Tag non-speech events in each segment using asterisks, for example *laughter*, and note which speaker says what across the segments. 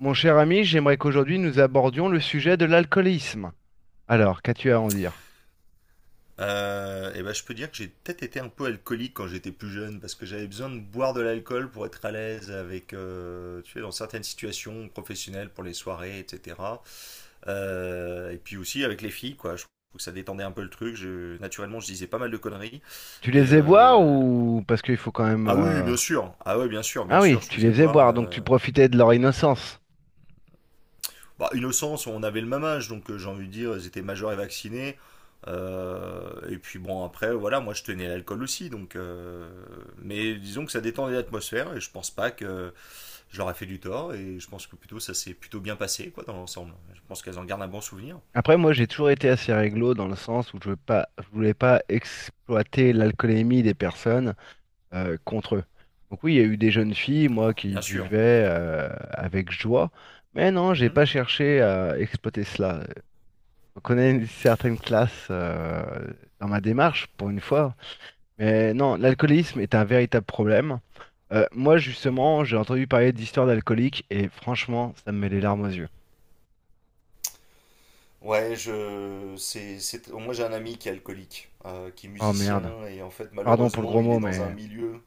Speaker 1: Mon cher ami, j'aimerais qu'aujourd'hui nous abordions le sujet de l'alcoolisme. Alors, qu'as-tu à en dire?
Speaker 2: Et ben, je peux dire que j'ai peut-être été un peu alcoolique quand j'étais plus jeune parce que j'avais besoin de boire de l'alcool pour être à l'aise avec, tu sais, dans certaines situations professionnelles pour les soirées, etc. Et puis aussi avec les filles, quoi. Je trouve que ça détendait un peu le truc. Naturellement, je disais pas mal de conneries.
Speaker 1: Tu les
Speaker 2: Et
Speaker 1: faisais boire
Speaker 2: euh,
Speaker 1: ou parce qu'il faut quand même...
Speaker 2: ah oui,
Speaker 1: euh,
Speaker 2: bien sûr. Ah ouais, bien sûr, bien
Speaker 1: Ah oui,
Speaker 2: sûr. Je
Speaker 1: tu les
Speaker 2: faisais
Speaker 1: faisais
Speaker 2: boire.
Speaker 1: boire, donc tu profitais de leur innocence.
Speaker 2: Bah, innocence, on avait le même âge, donc j'ai envie de dire, ils étaient majeurs et vaccinés. Et puis bon, après, voilà, moi je tenais l'alcool aussi, donc, mais disons que ça détendait l'atmosphère et je pense pas que je leur ai fait du tort et je pense que plutôt ça s'est plutôt bien passé, quoi, dans l'ensemble. Je pense qu'elles en gardent un bon souvenir.
Speaker 1: Après, moi, j'ai toujours été assez réglo dans le sens où je voulais pas exploiter l'alcoolémie des personnes contre eux. Donc oui, il y a eu des jeunes filles, moi,
Speaker 2: Ah,
Speaker 1: qui
Speaker 2: bien sûr.
Speaker 1: buvaient avec joie, mais non, j'ai
Speaker 2: Mhm,
Speaker 1: pas cherché à exploiter cela. On connaît une certaine classe dans ma démarche, pour une fois. Mais non, l'alcoolisme est un véritable problème. Moi,
Speaker 2: mhm.
Speaker 1: justement, j'ai entendu parler d'histoires d'alcooliques et franchement, ça me met les larmes aux yeux.
Speaker 2: Moi j'ai un ami qui est alcoolique, qui est
Speaker 1: Oh merde.
Speaker 2: musicien et en fait
Speaker 1: Pardon pour le
Speaker 2: malheureusement
Speaker 1: gros
Speaker 2: il est
Speaker 1: mot,
Speaker 2: dans un
Speaker 1: mais.
Speaker 2: milieu.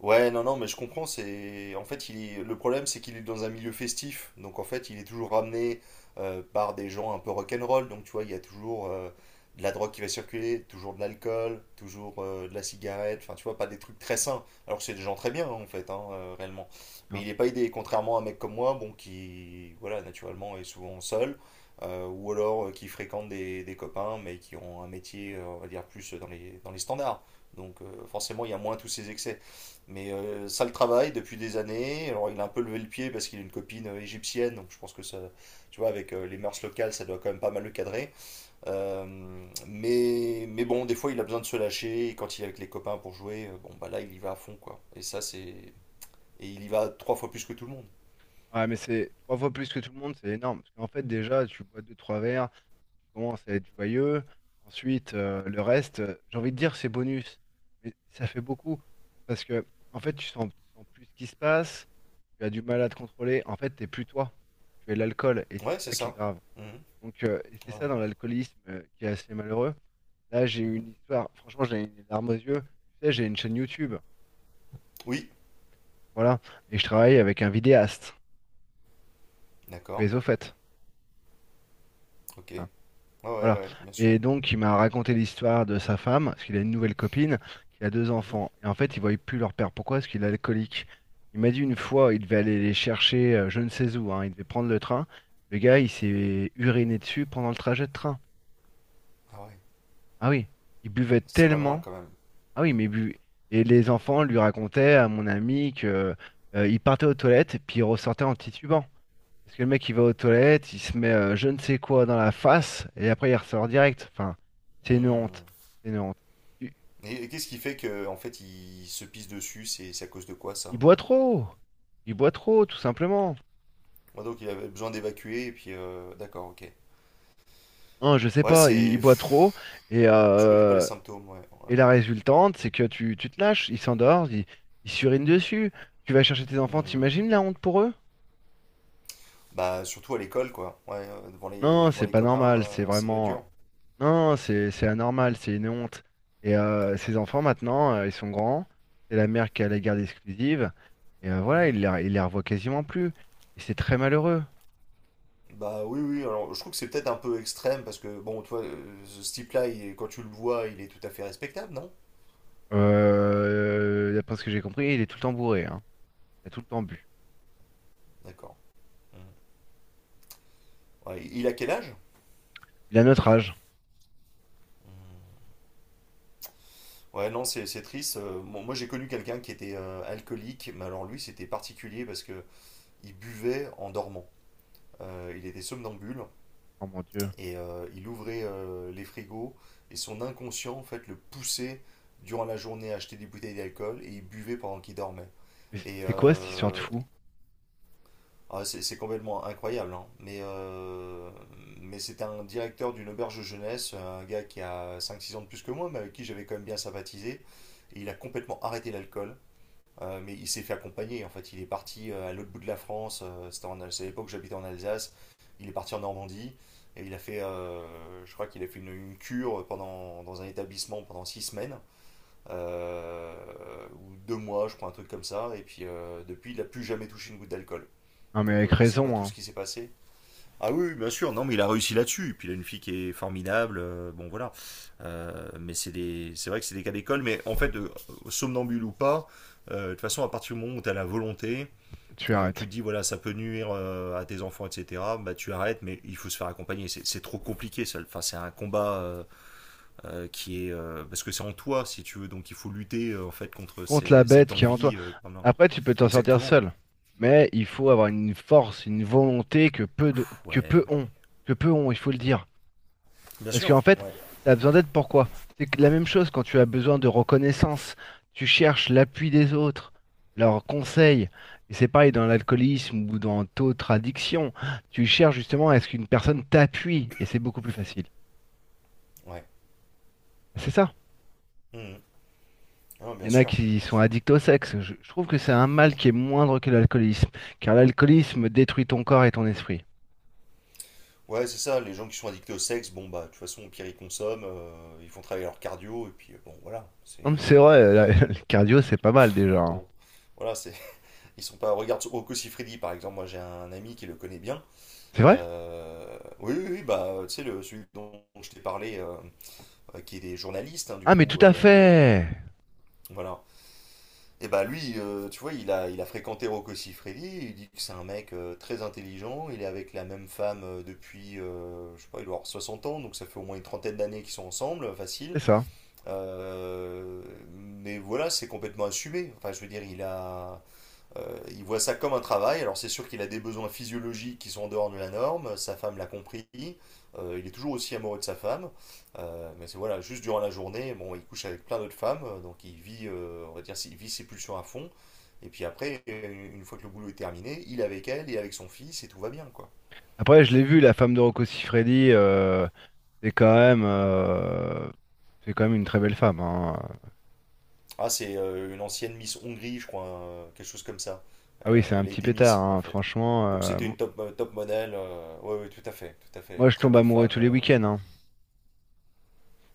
Speaker 2: Ouais, non, non, mais je comprends. C'est en fait, le problème, c'est qu'il est dans un milieu festif. Donc en fait, il est toujours ramené par des gens un peu rock'n'roll. Donc tu vois, il y a toujours de la drogue qui va circuler, toujours de l'alcool, toujours de la cigarette. Enfin, tu vois, pas des trucs très sains. Alors que c'est des gens très bien hein, en fait, hein, réellement. Mais
Speaker 1: Non.
Speaker 2: il n'est pas aidé. Contrairement à un mec comme moi, bon, qui, voilà, naturellement est souvent seul, ou alors qui fréquente des copains, mais qui ont un métier, on va dire plus dans les standards. Donc forcément, il y a moins tous ces excès. Mais ça le travaille depuis des années. Alors il a un peu levé le pied parce qu'il a une copine égyptienne, donc je pense que ça, tu vois, avec les mœurs locales, ça doit quand même pas mal le cadrer. Mais bon, des fois il a besoin de se lâcher. Et quand il est avec les copains pour jouer, bon bah là il y va à fond quoi. Et il y va 3 fois plus que tout le monde.
Speaker 1: Ouais, mais c'est trois fois plus que tout le monde, c'est énorme. Parce qu'en fait, déjà, tu bois deux, trois verres, tu commences à être joyeux. Ensuite, le reste, j'ai envie de dire, c'est bonus. Mais ça fait beaucoup. Parce que, en fait, tu sens plus ce qui se passe, tu as du mal à te contrôler. En fait, t'es plus toi. Tu es l'alcool et
Speaker 2: Ouais,
Speaker 1: c'est
Speaker 2: c'est
Speaker 1: ça qui est
Speaker 2: ça.
Speaker 1: grave.
Speaker 2: Mhm.
Speaker 1: Donc, et c'est
Speaker 2: Ouais.
Speaker 1: ça dans l'alcoolisme qui est assez malheureux. Là, j'ai eu
Speaker 2: Mhm.
Speaker 1: une histoire, franchement, j'ai une larme aux yeux. Tu sais, j'ai une chaîne YouTube,
Speaker 2: Oui,
Speaker 1: voilà, et je travaille avec un vidéaste,
Speaker 2: d'accord,
Speaker 1: mais au fait,
Speaker 2: ok.
Speaker 1: hein,
Speaker 2: Ouais, ouais,
Speaker 1: voilà.
Speaker 2: ouais, bien sûr.
Speaker 1: Et donc, il m'a raconté l'histoire de sa femme, parce qu'il a une nouvelle copine, qui a deux
Speaker 2: Mhm.
Speaker 1: enfants. Et en fait, il voyait plus leur père. Pourquoi? Parce qu'il est alcoolique. Il m'a dit une fois, il devait aller les chercher, je ne sais où, hein, il devait prendre le train. Le gars, il s'est uriné dessus pendant le trajet de train.
Speaker 2: Ah ouais,
Speaker 1: Ah oui, il buvait
Speaker 2: ça va loin
Speaker 1: tellement.
Speaker 2: quand même.
Speaker 1: Ah oui, et les enfants lui racontaient à mon ami que il partait aux toilettes puis il ressortait en titubant. Parce que le mec il va aux toilettes, il se met je ne sais quoi dans la face et après il ressort direct. Enfin, c'est une honte,
Speaker 2: Mhm.
Speaker 1: c'est une honte. Il,
Speaker 2: Et qu'est-ce qui fait que en fait il se pisse dessus? C'est à cause de quoi
Speaker 1: il
Speaker 2: ça?
Speaker 1: boit trop, il boit trop tout simplement.
Speaker 2: Ouais, donc il avait besoin d'évacuer et puis d'accord, ok.
Speaker 1: Hein, je sais
Speaker 2: Ouais,
Speaker 1: pas,
Speaker 2: c'est.
Speaker 1: il boit trop
Speaker 2: pff,
Speaker 1: et
Speaker 2: Je connais pas les
Speaker 1: euh,
Speaker 2: symptômes, ouais. Ouais.
Speaker 1: et la résultante c'est que tu te lâches, il s'endort, il s'urine dessus. Tu vas chercher tes enfants,
Speaker 2: Hmm.
Speaker 1: t'imagines la honte pour eux?
Speaker 2: Bah surtout à l'école, quoi. Ouais, devant les,
Speaker 1: Non,
Speaker 2: devant
Speaker 1: c'est
Speaker 2: les
Speaker 1: pas
Speaker 2: copains,
Speaker 1: normal, c'est
Speaker 2: c'est le
Speaker 1: vraiment.
Speaker 2: dur.
Speaker 1: Non, c'est anormal, c'est une honte. Et ces enfants maintenant, ils sont grands, c'est la mère qui a la garde exclusive, et voilà,
Speaker 2: Mhm.
Speaker 1: il les revoit quasiment plus. Et c'est très malheureux.
Speaker 2: Bah oui, oui, alors je trouve que c'est peut-être un peu extrême parce que, bon, toi, ce type-là, quand tu le vois, il est tout à fait respectable, non?
Speaker 1: D'après ce que j'ai compris, il est tout le temps bourré, hein. Il a tout le temps bu.
Speaker 2: D'accord. Mhm. Ouais, il a quel âge?
Speaker 1: Il a notre âge.
Speaker 2: Hmm. Ouais, non, c'est triste. Bon, moi, j'ai connu quelqu'un qui était alcoolique, mais alors lui, c'était particulier parce que il buvait en dormant. Il était somnambule.
Speaker 1: Oh mon Dieu.
Speaker 2: Il ouvrait les frigos et son inconscient, en fait, le poussait durant la journée à acheter des bouteilles d'alcool et il buvait pendant qu'il dormait.
Speaker 1: Mais c'est
Speaker 2: Et
Speaker 1: c'est quoi cette histoire de
Speaker 2: euh,
Speaker 1: fou?
Speaker 2: ah, c'est complètement incroyable, hein. Mais c'était un directeur d'une auberge jeunesse, un gars qui a 5-6 ans de plus que moi, mais avec qui j'avais quand même bien sympathisé. Et il a complètement arrêté l'alcool, mais il s'est fait accompagner. En fait, il est parti à l'autre bout de la France. C'est à l'époque où j'habitais en Alsace. Il est parti en Normandie et il a fait, je crois qu'il a fait une cure dans un établissement pendant 6 semaines, euh, ou 2 mois, je crois, un truc comme ça. Et puis depuis, il n'a plus jamais touché une goutte d'alcool.
Speaker 1: Non mais
Speaker 2: Donc
Speaker 1: avec
Speaker 2: je ne sais pas
Speaker 1: raison,
Speaker 2: tout ce
Speaker 1: hein.
Speaker 2: qui s'est passé. Ah oui, oui, bien sûr, non, mais il a réussi là-dessus. Et puis il a une fille qui est formidable, bon voilà. Mais c'est vrai que c'est des cas d'école, mais en fait, somnambule ou pas, de toute façon, à partir du moment où tu as la volonté,
Speaker 1: Tu arrêtes.
Speaker 2: tu te dis voilà, ça peut nuire à tes enfants, etc., bah tu arrêtes, mais il faut se faire accompagner. C'est trop compliqué, ça. Enfin, c'est un combat qui est. Parce que c'est en toi, si tu veux, donc il faut lutter en fait contre
Speaker 1: Contre la bête
Speaker 2: cette
Speaker 1: qui est en toi.
Speaker 2: envie.
Speaker 1: Après, tu peux t'en sortir
Speaker 2: Exactement.
Speaker 1: seul. Mais il faut avoir une force, une volonté que
Speaker 2: Ouais,
Speaker 1: peu ont.
Speaker 2: mais.
Speaker 1: Que peu ont, il faut le dire.
Speaker 2: Bien
Speaker 1: Parce
Speaker 2: sûr,
Speaker 1: qu'en fait,
Speaker 2: ouais.
Speaker 1: tu as besoin d'aide pourquoi? C'est que la même chose quand tu as besoin de reconnaissance, tu cherches l'appui des autres, leurs conseils. Et c'est pareil dans l'alcoolisme ou dans d'autres addictions. Tu cherches justement à ce qu'une personne t'appuie et c'est beaucoup plus facile.
Speaker 2: Ouais.
Speaker 1: C'est ça.
Speaker 2: Mhm. Ah,
Speaker 1: Il
Speaker 2: bien
Speaker 1: y en a
Speaker 2: sûr,
Speaker 1: qui
Speaker 2: bien
Speaker 1: sont
Speaker 2: sûr.
Speaker 1: addicts au sexe. Je trouve que c'est un mal qui est moindre que l'alcoolisme, car l'alcoolisme détruit ton corps et ton esprit.
Speaker 2: Ouais, c'est ça, les gens qui sont addictés au sexe, bon bah de toute façon au pire ils consomment, ils font travailler leur cardio et puis
Speaker 1: Non, mais c'est vrai, *laughs* le cardio, c'est pas mal déjà. Hein.
Speaker 2: bon. Voilà, c'est *laughs* ils sont pas regarde Rocco Siffredi par exemple, moi j'ai un ami qui le connaît bien.
Speaker 1: C'est vrai?
Speaker 2: Oui oui, oui, bah tu sais le celui dont je t'ai parlé qui est des journalistes hein, du
Speaker 1: Ah, mais tout
Speaker 2: coup
Speaker 1: à fait!
Speaker 2: voilà. Et bah lui tu vois, il a fréquenté Rocco Siffredi, il dit que c'est un mec très intelligent, il est avec la même femme depuis je sais pas, il doit avoir 60 ans, donc ça fait au moins une trentaine d'années qu'ils sont ensemble,
Speaker 1: C'est
Speaker 2: facile.
Speaker 1: ça.
Speaker 2: Euh, mais voilà, c'est complètement assumé. Enfin, je veux dire, il voit ça comme un travail. Alors, c'est sûr qu'il a des besoins physiologiques qui sont en dehors de la norme. Sa femme l'a compris. Il est toujours aussi amoureux de sa femme. Mais c'est voilà, juste durant la journée, bon, il couche avec plein d'autres femmes. Donc, on va dire, il vit ses pulsions à fond. Et puis après, une fois que le boulot est terminé, il est avec elle, il est avec son fils et tout va bien, quoi.
Speaker 1: Après, je l'ai vu, la femme de Rocco Siffredi, c'est quand même, euh, c'est quand même une très belle femme. Hein.
Speaker 2: Ah, c'est une ancienne Miss Hongrie, je crois, hein, quelque chose comme ça.
Speaker 1: Ah oui, c'est un
Speaker 2: Elle a
Speaker 1: petit
Speaker 2: été
Speaker 1: pétard,
Speaker 2: Miss, en
Speaker 1: hein,
Speaker 2: fait.
Speaker 1: franchement,
Speaker 2: Donc c'était une top modèle. Ouais, ouais, tout à fait, tout à fait.
Speaker 1: moi,
Speaker 2: Une
Speaker 1: je
Speaker 2: très
Speaker 1: tombe
Speaker 2: belle
Speaker 1: amoureux
Speaker 2: femme.
Speaker 1: tous les week-ends. Hein.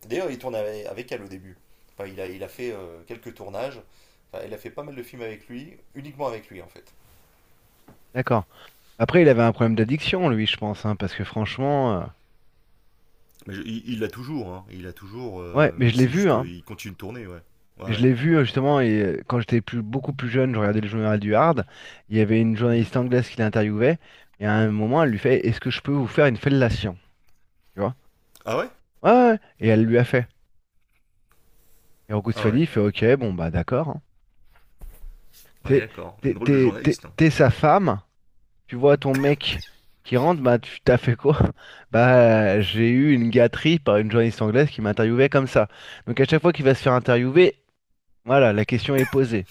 Speaker 2: D'ailleurs, il tourne avec elle au début. Enfin, il a fait quelques tournages. Enfin, elle a fait pas mal de films avec lui, uniquement avec lui, en fait.
Speaker 1: D'accord. Après, il avait un problème d'addiction, lui, je pense, hein, parce que franchement,
Speaker 2: Mais il l'a toujours, hein. Il l'a toujours,
Speaker 1: ouais, mais
Speaker 2: mais
Speaker 1: je l'ai
Speaker 2: c'est
Speaker 1: vu,
Speaker 2: juste
Speaker 1: hein.
Speaker 2: qu'il continue de tourner, ouais. Ouais,
Speaker 1: Je
Speaker 2: ouais.
Speaker 1: l'ai vu justement, et quand j'étais beaucoup plus jeune, je regardais le journal du Hard. Il y avait une
Speaker 2: Mhm.
Speaker 1: journaliste anglaise qui l'interviewait, et à un moment, elle lui fait, est-ce que je peux vous faire une fellation? Tu vois?
Speaker 2: Ah ouais?
Speaker 1: Ouais, ouais, ouais, et elle lui a fait. Et Rocco
Speaker 2: Ah
Speaker 1: Siffredi
Speaker 2: ouais.
Speaker 1: il fait, ok, bon, bah d'accord. Hein.
Speaker 2: Ouais,
Speaker 1: T'es,
Speaker 2: d'accord. Une
Speaker 1: t'es,
Speaker 2: drôle de
Speaker 1: t'es- t'es-
Speaker 2: journaliste, hein.
Speaker 1: t'es sa
Speaker 2: Ouais.
Speaker 1: femme, tu vois ton mec qui rentre, bah tu t'as fait quoi? *laughs* Bah j'ai eu une gâterie par une journaliste anglaise qui m'interviewait comme ça. Donc à chaque fois qu'il va se faire interviewer, voilà, la question est posée.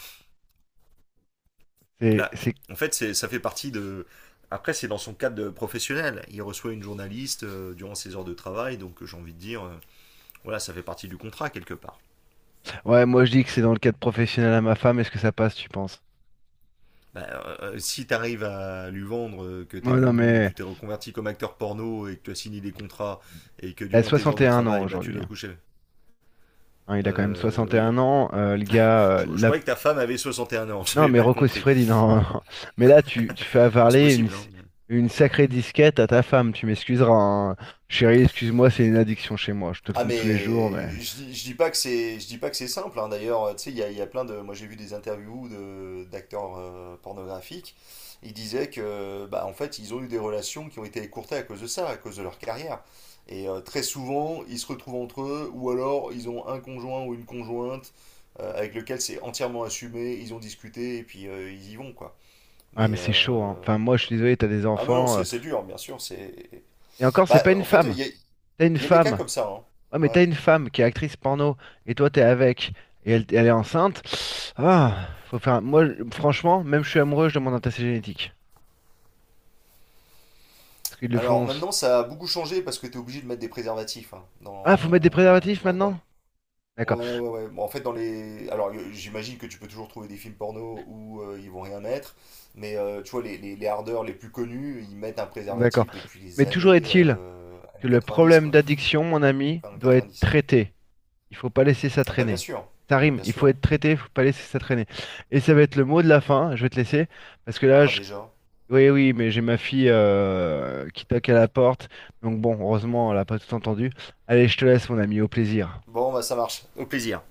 Speaker 1: C'est,
Speaker 2: Là,
Speaker 1: c'est...
Speaker 2: en fait, ça fait partie de. Après, c'est dans son cadre de professionnel. Il reçoit une journaliste durant ses heures de travail, donc j'ai envie de dire, voilà, ça fait partie du contrat quelque part.
Speaker 1: Ouais, moi je dis que c'est dans le cadre professionnel à ma femme, est-ce que ça passe, tu penses?
Speaker 2: Bah, Si tu arrives à lui vendre que
Speaker 1: Ouais, non mais
Speaker 2: tu t'es reconverti comme acteur porno et que tu as signé des contrats et que
Speaker 1: elle a
Speaker 2: durant tes heures de
Speaker 1: 61 ans
Speaker 2: travail, bah, tu
Speaker 1: aujourd'hui.
Speaker 2: dois
Speaker 1: Hein.
Speaker 2: coucher.
Speaker 1: Hein, il a quand même
Speaker 2: Oui.
Speaker 1: 61 ans, le gars,
Speaker 2: Je croyais que ta femme avait 61 ans, *laughs*
Speaker 1: non,
Speaker 2: j'avais
Speaker 1: mais
Speaker 2: mal
Speaker 1: Rocco
Speaker 2: compris.
Speaker 1: Siffredi, non. *laughs* Mais là, tu fais
Speaker 2: Bah, c'est
Speaker 1: avaler
Speaker 2: possible, hein.
Speaker 1: une sacrée disquette à ta femme. Tu m'excuseras. Hein. Chérie, excuse-moi, c'est une addiction chez moi. Je te
Speaker 2: Ah
Speaker 1: trompe tous les jours,
Speaker 2: mais
Speaker 1: mais.
Speaker 2: je dis pas que c'est simple hein. D'ailleurs tu sais il y a plein de moi j'ai vu des interviews de d'acteurs pornographiques ils disaient que bah en fait ils ont eu des relations qui ont été écourtées à cause de ça à cause de leur carrière et très souvent ils se retrouvent entre eux ou alors ils ont un conjoint ou une conjointe avec lequel c'est entièrement assumé ils ont discuté et puis ils y vont quoi
Speaker 1: Ah,
Speaker 2: mais
Speaker 1: mais c'est chaud, hein. Enfin, moi, je suis désolé, t'as des
Speaker 2: ah mais non
Speaker 1: enfants.
Speaker 2: c'est dur bien sûr c'est
Speaker 1: Et encore, c'est
Speaker 2: bah
Speaker 1: pas une
Speaker 2: en fait il
Speaker 1: femme.
Speaker 2: y a, il
Speaker 1: T'as une
Speaker 2: y a des cas
Speaker 1: femme.
Speaker 2: comme ça hein.
Speaker 1: Ouais, mais
Speaker 2: Ouais.
Speaker 1: t'as une femme qui est actrice porno. Et toi, t'es avec. Et elle, elle est enceinte. Ah, faut faire. Moi, franchement, même je suis amoureux, je demande un test génétique. Parce qu'ils le
Speaker 2: Alors
Speaker 1: font.
Speaker 2: maintenant, ça a beaucoup changé parce que tu es obligé de mettre des préservatifs, hein,
Speaker 1: Ah, faut mettre des
Speaker 2: dans...
Speaker 1: préservatifs
Speaker 2: bah, dans
Speaker 1: maintenant?
Speaker 2: les...
Speaker 1: D'accord.
Speaker 2: Ouais, ouais, ouais. Bon, en fait, dans les... Alors, j'imagine que tu peux toujours trouver des films porno où ils vont rien mettre. Mais tu vois, les hardeurs les plus connus, ils mettent un
Speaker 1: D'accord.
Speaker 2: préservatif depuis
Speaker 1: Mais toujours est-il. Que
Speaker 2: années
Speaker 1: le
Speaker 2: 90,
Speaker 1: problème
Speaker 2: quoi.
Speaker 1: d'addiction, mon ami,
Speaker 2: Enfin,
Speaker 1: doit être
Speaker 2: 90.
Speaker 1: traité. Il faut pas laisser ça
Speaker 2: Ah bah bien
Speaker 1: traîner.
Speaker 2: sûr,
Speaker 1: Ça rime,
Speaker 2: bien
Speaker 1: il faut
Speaker 2: sûr.
Speaker 1: être traité, il faut pas laisser ça traîner. Et ça va être le mot de la fin, je vais te laisser, parce que là,
Speaker 2: Ah
Speaker 1: je...
Speaker 2: déjà.
Speaker 1: Oui, oui, mais j'ai ma fille qui toque à la porte, donc bon, heureusement, elle n'a pas tout entendu. Allez, je te laisse, mon ami, au plaisir.
Speaker 2: Bon, bah ça marche. Au plaisir.